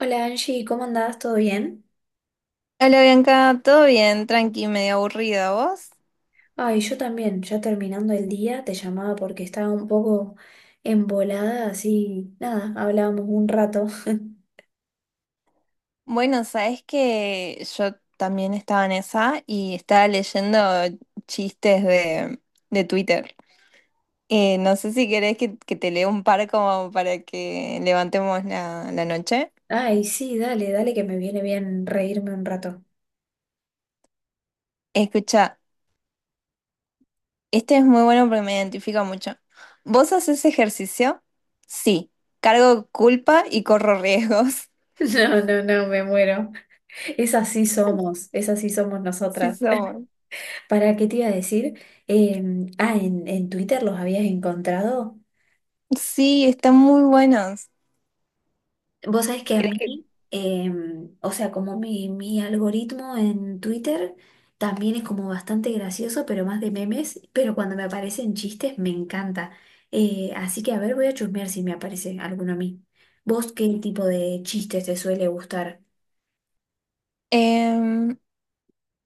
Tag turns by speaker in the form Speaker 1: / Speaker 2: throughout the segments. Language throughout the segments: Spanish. Speaker 1: Hola Angie, ¿cómo andás? ¿Todo bien?
Speaker 2: Hola Bianca, ¿todo bien? Tranqui, medio aburrida, ¿vos?
Speaker 1: Ay, yo también, ya terminando el día, te llamaba porque estaba un poco embolada, así, nada, hablábamos un rato.
Speaker 2: Bueno, sabes que yo también estaba en esa y estaba leyendo chistes de Twitter. No sé si querés que te lea un par como para que levantemos la noche.
Speaker 1: Ay, sí, dale, dale que me viene bien reírme un rato.
Speaker 2: Escucha, este es muy bueno porque me identifica mucho. ¿Vos haces ejercicio? Sí. Cargo culpa y corro riesgos.
Speaker 1: No, no, no, me muero. Es así somos
Speaker 2: Sí,
Speaker 1: nosotras.
Speaker 2: somos.
Speaker 1: ¿Para qué te iba a decir? Eh, en Twitter los habías encontrado.
Speaker 2: Sí, están muy buenos.
Speaker 1: Vos sabés que a mí, o sea, como mi algoritmo en Twitter también es como bastante gracioso, pero más de memes, pero cuando me aparecen chistes me encanta. Así que a ver, voy a chusmear si me aparece alguno a mí. ¿Vos qué tipo de chistes te suele gustar?
Speaker 2: Em,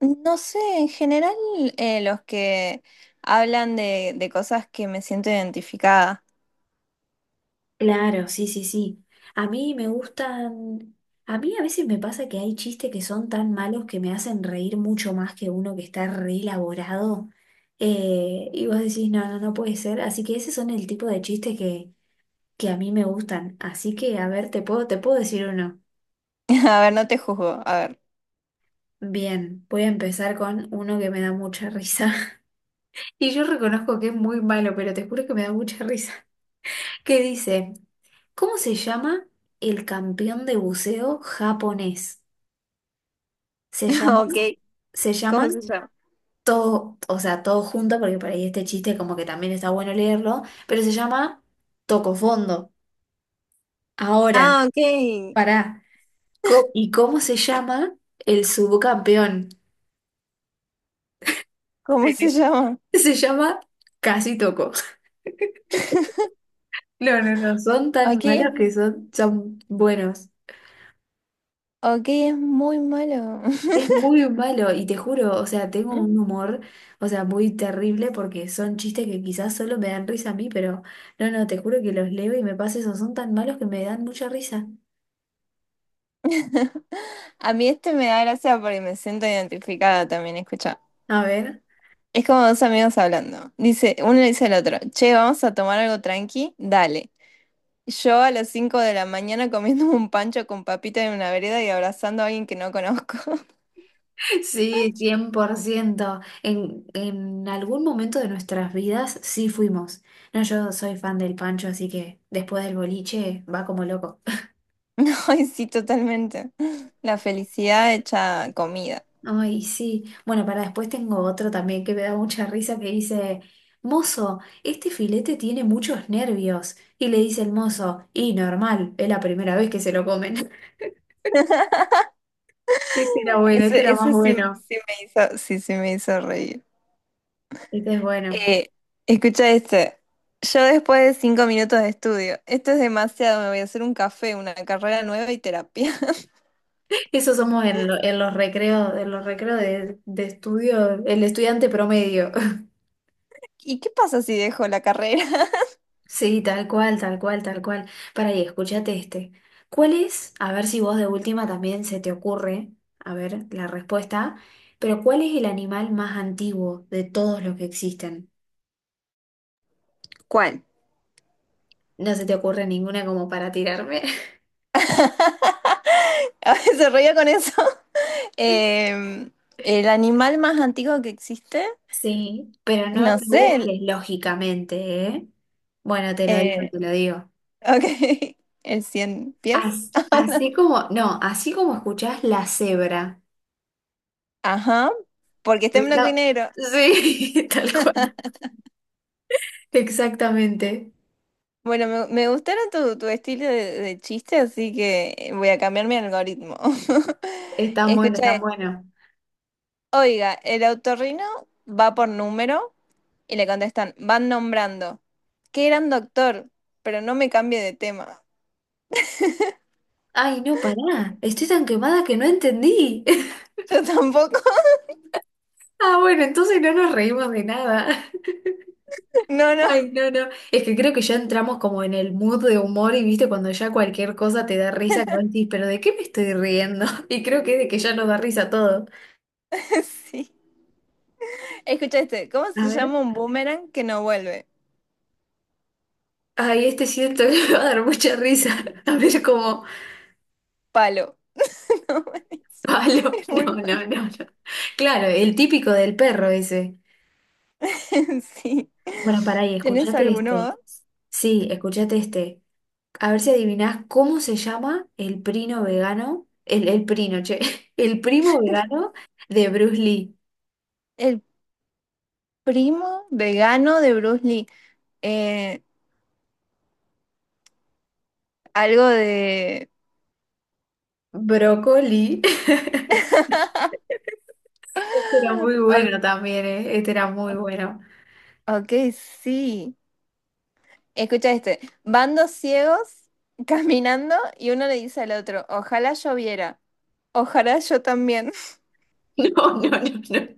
Speaker 2: No sé, en general los que hablan de cosas que me siento identificada.
Speaker 1: Claro, sí, sí, sí. A mí me gustan, a mí a veces me pasa que hay chistes que son tan malos que me hacen reír mucho más que uno que está re elaborado. Y vos decís, no, no, no puede ser. Así que ese son el tipo de chistes que a mí me gustan. Así que, a ver, te puedo decir uno.
Speaker 2: A ver, no te juzgo, a ver.
Speaker 1: Bien, voy a empezar con uno que me da mucha risa. Y yo reconozco que es muy malo, pero te juro que me da mucha risa. ¿Qué dice? ¿Cómo se llama el campeón de buceo japonés? Se
Speaker 2: Ok,
Speaker 1: llaman, se
Speaker 2: ¿cómo
Speaker 1: llaman
Speaker 2: se llama?
Speaker 1: todo, o sea, todo junto, porque por ahí este chiste como que también está bueno leerlo, pero se llama Toco Fondo. Ahora,
Speaker 2: Ah, ok.
Speaker 1: pará, ¿y cómo se llama el subcampeón?
Speaker 2: ¿Cómo se llama?
Speaker 1: Se llama Casi Toco. No, no, no, son tan
Speaker 2: Ok,
Speaker 1: malos que son, son buenos.
Speaker 2: ok, es muy malo.
Speaker 1: Es muy malo y te juro, o sea, tengo un humor, o sea, muy terrible porque son chistes que quizás solo me dan risa a mí, pero no, no, te juro que los leo y me pasa eso, son tan malos que me dan mucha risa.
Speaker 2: A mí este me da gracia porque me siento identificada también, escucha.
Speaker 1: A ver,
Speaker 2: Es como dos amigos hablando. Dice, uno le dice al otro, che, vamos a tomar algo tranqui, dale. Yo a las 5 de la mañana comiendo un pancho con papita en una vereda y abrazando a alguien que no conozco.
Speaker 1: sí, 100%. En algún momento de nuestras vidas sí fuimos. No, yo soy fan del Pancho, así que después del boliche va como loco.
Speaker 2: No, ay, sí, totalmente. La felicidad hecha comida.
Speaker 1: Ay, sí. Bueno, para después tengo otro también que me da mucha risa que dice, mozo, este filete tiene muchos nervios. Y le dice el mozo, y normal, es la primera vez que se lo comen. Este era bueno,
Speaker 2: Eso,
Speaker 1: este era más
Speaker 2: eso sí,
Speaker 1: bueno.
Speaker 2: sí, sí me hizo reír.
Speaker 1: Este es bueno.
Speaker 2: Eh, escucha este. Yo después de 5 minutos de estudio, esto es demasiado, me voy a hacer un café, una carrera nueva y terapia.
Speaker 1: Eso somos en los recreos de estudio, el estudiante promedio.
Speaker 2: ¿Y qué pasa si dejo la carrera?
Speaker 1: Sí, tal cual, tal cual, tal cual. Para ahí, escúchate este. ¿Cuál es? A ver si vos de última también se te ocurre, a ver la respuesta, pero ¿cuál es el animal más antiguo de todos los que existen?
Speaker 2: ¿Cuál?
Speaker 1: No se te ocurre ninguna como para tirarme.
Speaker 2: A veces se ríe con eso. Em, el animal más antiguo que existe,
Speaker 1: Sí, pero no
Speaker 2: no
Speaker 1: lo
Speaker 2: sé,
Speaker 1: busques lógicamente, ¿eh? Bueno, te lo digo,
Speaker 2: eh,
Speaker 1: te lo digo.
Speaker 2: ok, el 100 pies.
Speaker 1: Así como, no, así como escuchás, la cebra.
Speaker 2: Ajá, porque está en blanco y
Speaker 1: Está-
Speaker 2: negro.
Speaker 1: Sí, tal cual. Exactamente.
Speaker 2: Bueno, me gustaron tu estilo de chiste, así que voy a cambiar mi algoritmo.
Speaker 1: Están buenos,
Speaker 2: Escucha,
Speaker 1: están
Speaker 2: esto.
Speaker 1: buenos.
Speaker 2: Oiga, el autorrino va por número y le contestan, van nombrando. Qué gran doctor, pero no me cambie de tema.
Speaker 1: Ay, no, pará. Estoy tan quemada que no entendí.
Speaker 2: Yo tampoco.
Speaker 1: Ah, bueno, entonces no nos reímos de nada.
Speaker 2: No, no,
Speaker 1: Ay, no, no. Es que creo que ya entramos como en el mood de humor y viste cuando ya cualquier cosa te da risa, que vos decís, pero ¿de qué me estoy riendo? Y creo que es de que ya nos da risa todo.
Speaker 2: sí. Escucha este, ¿cómo
Speaker 1: A
Speaker 2: se
Speaker 1: ver.
Speaker 2: llama un boomerang que no vuelve?
Speaker 1: Ay, este siento que me va a dar mucha risa. A ver como,
Speaker 2: Palo. No,
Speaker 1: palo.
Speaker 2: es muy
Speaker 1: No,
Speaker 2: mal.
Speaker 1: no, no, no. Claro, el típico del perro ese.
Speaker 2: Sí.
Speaker 1: Bueno, pará, y
Speaker 2: ¿Tenés
Speaker 1: escuchate
Speaker 2: alguno
Speaker 1: este.
Speaker 2: vos?
Speaker 1: Sí, escuchate este. A ver si adivinás cómo se llama el primo vegano, el primo, che, el primo vegano de Bruce Lee.
Speaker 2: El primo vegano de Bruce Lee. Eh, algo de...
Speaker 1: Brócoli. Este era muy
Speaker 2: O-
Speaker 1: bueno también, ¿eh? Este era muy bueno.
Speaker 2: Ok, sí. Escucha este. Van dos ciegos caminando y uno le dice al otro, ojalá yo viera. Ojalá yo también.
Speaker 1: No, no, no, no.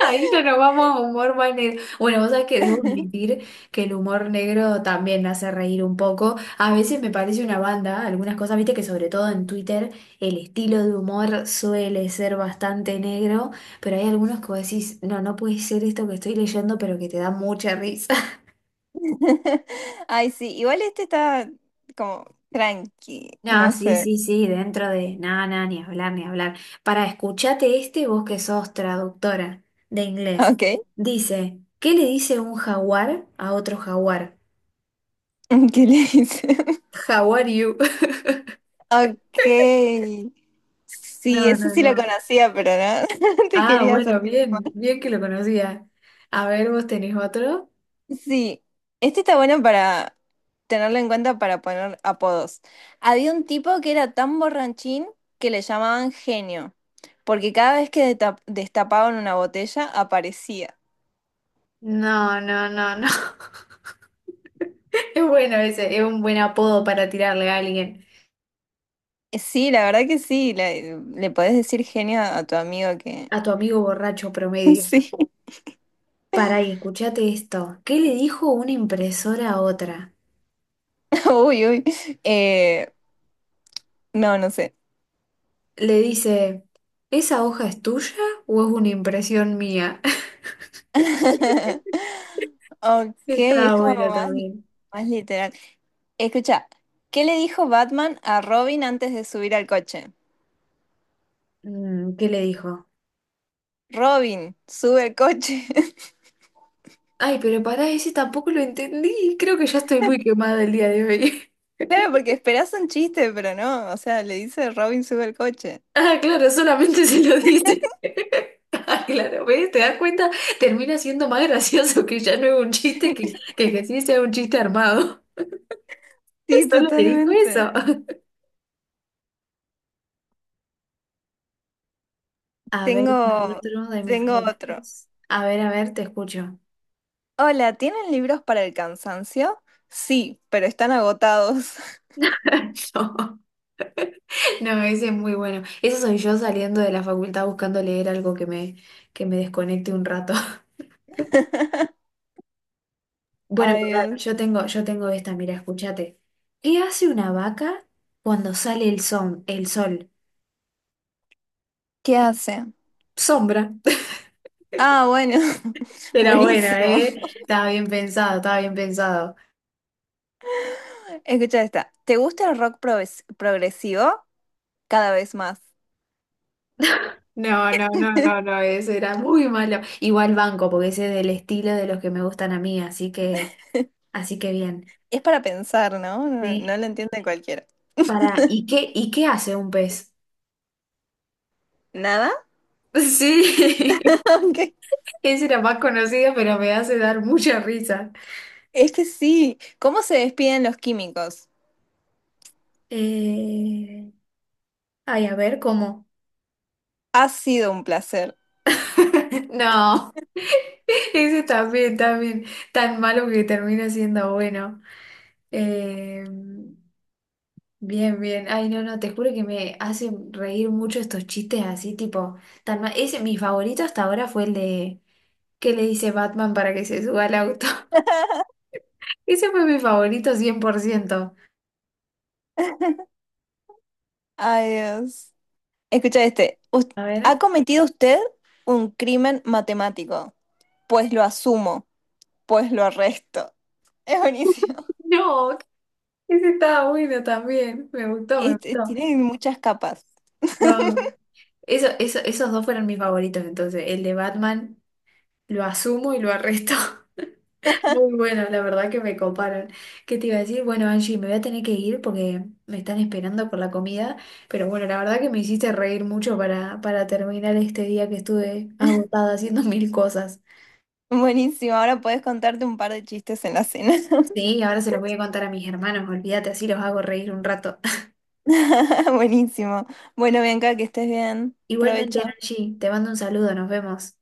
Speaker 1: Ahí ya nos vamos a humor más negro. Bueno, vos sabés que debo admitir que el humor negro también me hace reír un poco. A veces me parece una banda, algunas cosas, viste que sobre todo en Twitter el estilo de humor suele ser bastante negro, pero hay algunos que vos decís, no, no puede ser esto que estoy leyendo, pero que te da mucha risa.
Speaker 2: Ay, sí, igual este está como tranqui,
Speaker 1: No,
Speaker 2: no
Speaker 1: sí,
Speaker 2: sé.
Speaker 1: sí, sí, dentro de nada, nada, ni hablar, ni hablar. Para escuchate este, vos que sos traductora de inglés.
Speaker 2: Ok,
Speaker 1: Dice, ¿qué le dice un jaguar a otro jaguar?
Speaker 2: ¿qué le dicen?
Speaker 1: How are you?
Speaker 2: Ok, sí,
Speaker 1: No,
Speaker 2: ese
Speaker 1: no,
Speaker 2: sí lo
Speaker 1: no.
Speaker 2: conocía, pero no, te
Speaker 1: Ah,
Speaker 2: quería
Speaker 1: bueno,
Speaker 2: hacer.
Speaker 1: bien, bien que lo conocía. A ver, ¿vos tenés otro?
Speaker 2: Sí, este está bueno para tenerlo en cuenta para poner apodos. Había un tipo que era tan borrachín que le llamaban genio, porque cada vez que destapaban una botella aparecía.
Speaker 1: No, no, no, no. Es bueno ese, es un buen apodo para tirarle a alguien,
Speaker 2: Sí, la verdad que sí, le podés decir genio a tu amigo.
Speaker 1: a tu amigo borracho promedio.
Speaker 2: Sí,
Speaker 1: Para ahí, escuchate esto. ¿Qué le dijo una impresora a otra?
Speaker 2: uy, uy. Eh, no, no sé.
Speaker 1: Le dice, ¿esa hoja es tuya o es una impresión mía?
Speaker 2: Ok, es
Speaker 1: Está
Speaker 2: como
Speaker 1: bueno
Speaker 2: más,
Speaker 1: también.
Speaker 2: más literal. Escucha, ¿qué le dijo Batman a Robin antes de subir al coche?
Speaker 1: Mm, ¿qué le dijo?
Speaker 2: Robin, sube el coche.
Speaker 1: Ay, pero pará, ese tampoco lo entendí. Creo que ya estoy muy quemada el día de hoy.
Speaker 2: Claro, porque esperás un chiste, pero no. O sea, le dice Robin, sube el coche.
Speaker 1: Ah, claro, solamente se lo dice. Ah, claro, ¿ves? ¿Te das cuenta? Termina siendo más gracioso que ya no es un chiste, que sí sea un chiste armado.
Speaker 2: Sí,
Speaker 1: Solo te dijo
Speaker 2: totalmente.
Speaker 1: eso. A ver,
Speaker 2: Tengo,
Speaker 1: otro de mis
Speaker 2: tengo otro.
Speaker 1: favoritos. A ver, te escucho.
Speaker 2: Hola, ¿tienen libros para el cansancio? Sí, pero están agotados.
Speaker 1: No, no, ese es muy bueno. Eso soy yo saliendo de la facultad buscando leer algo que me desconecte un rato. Bueno, pará,
Speaker 2: Ay,
Speaker 1: yo tengo esta, mira, escúchate. ¿Qué hace una vaca cuando sale el sol? El sol.
Speaker 2: ¿qué hace?
Speaker 1: Sombra.
Speaker 2: Ah, bueno,
Speaker 1: Era buena,
Speaker 2: buenísimo.
Speaker 1: ¿eh? Estaba bien pensado, estaba bien pensado.
Speaker 2: Escucha esta. ¿Te gusta el rock progresivo? Cada vez más.
Speaker 1: No, no, no, no, no, ese era muy malo. Igual banco, porque ese es del estilo de los que me gustan a mí, así que bien.
Speaker 2: Es para pensar, ¿no? No,
Speaker 1: Sí.
Speaker 2: no lo entiende cualquiera.
Speaker 1: Para, ¿y qué hace un pez?
Speaker 2: ¿Nada?
Speaker 1: Sí,
Speaker 2: Ok.
Speaker 1: ese era más conocido, pero me hace dar mucha risa.
Speaker 2: Es que sí. ¿Cómo se despiden los químicos?
Speaker 1: Eh, ay, a ver, ¿cómo?
Speaker 2: Ha sido un placer.
Speaker 1: No, ese también, también, tan malo que termina siendo bueno. Eh, bien, bien. Ay, no, no, te juro que me hacen reír mucho estos chistes así, tipo, tan mal. Ese, mi favorito hasta ahora fue el de que le dice Batman para que se suba al auto. Ese fue mi favorito 100%.
Speaker 2: Ay, Dios. Escucha este.
Speaker 1: A
Speaker 2: ¿Ha
Speaker 1: ver.
Speaker 2: cometido usted un crimen matemático? Pues lo asumo, pues lo arresto. Es buenísimo.
Speaker 1: No, ese estaba bueno también. Me gustó, me
Speaker 2: Este,
Speaker 1: gustó.
Speaker 2: tiene muchas capas.
Speaker 1: No. Eso, esos dos fueron mis favoritos, entonces, el de Batman. Lo asumo y lo arresto. Muy bueno, la verdad que me coparon. ¿Qué te iba a decir? Bueno, Angie, me voy a tener que ir porque me están esperando por la comida. Pero bueno, la verdad que me hiciste reír mucho para terminar este día que estuve agotada haciendo 1000 cosas.
Speaker 2: Buenísimo, ahora podés contarte un par de chistes en la cena.
Speaker 1: Sí, ahora se los voy a contar a mis hermanos, olvídate, así los hago reír un rato.
Speaker 2: Buenísimo. Bueno, Bianca, que estés bien.
Speaker 1: Igualmente,
Speaker 2: Provecho.
Speaker 1: Angie, te mando un saludo, nos vemos.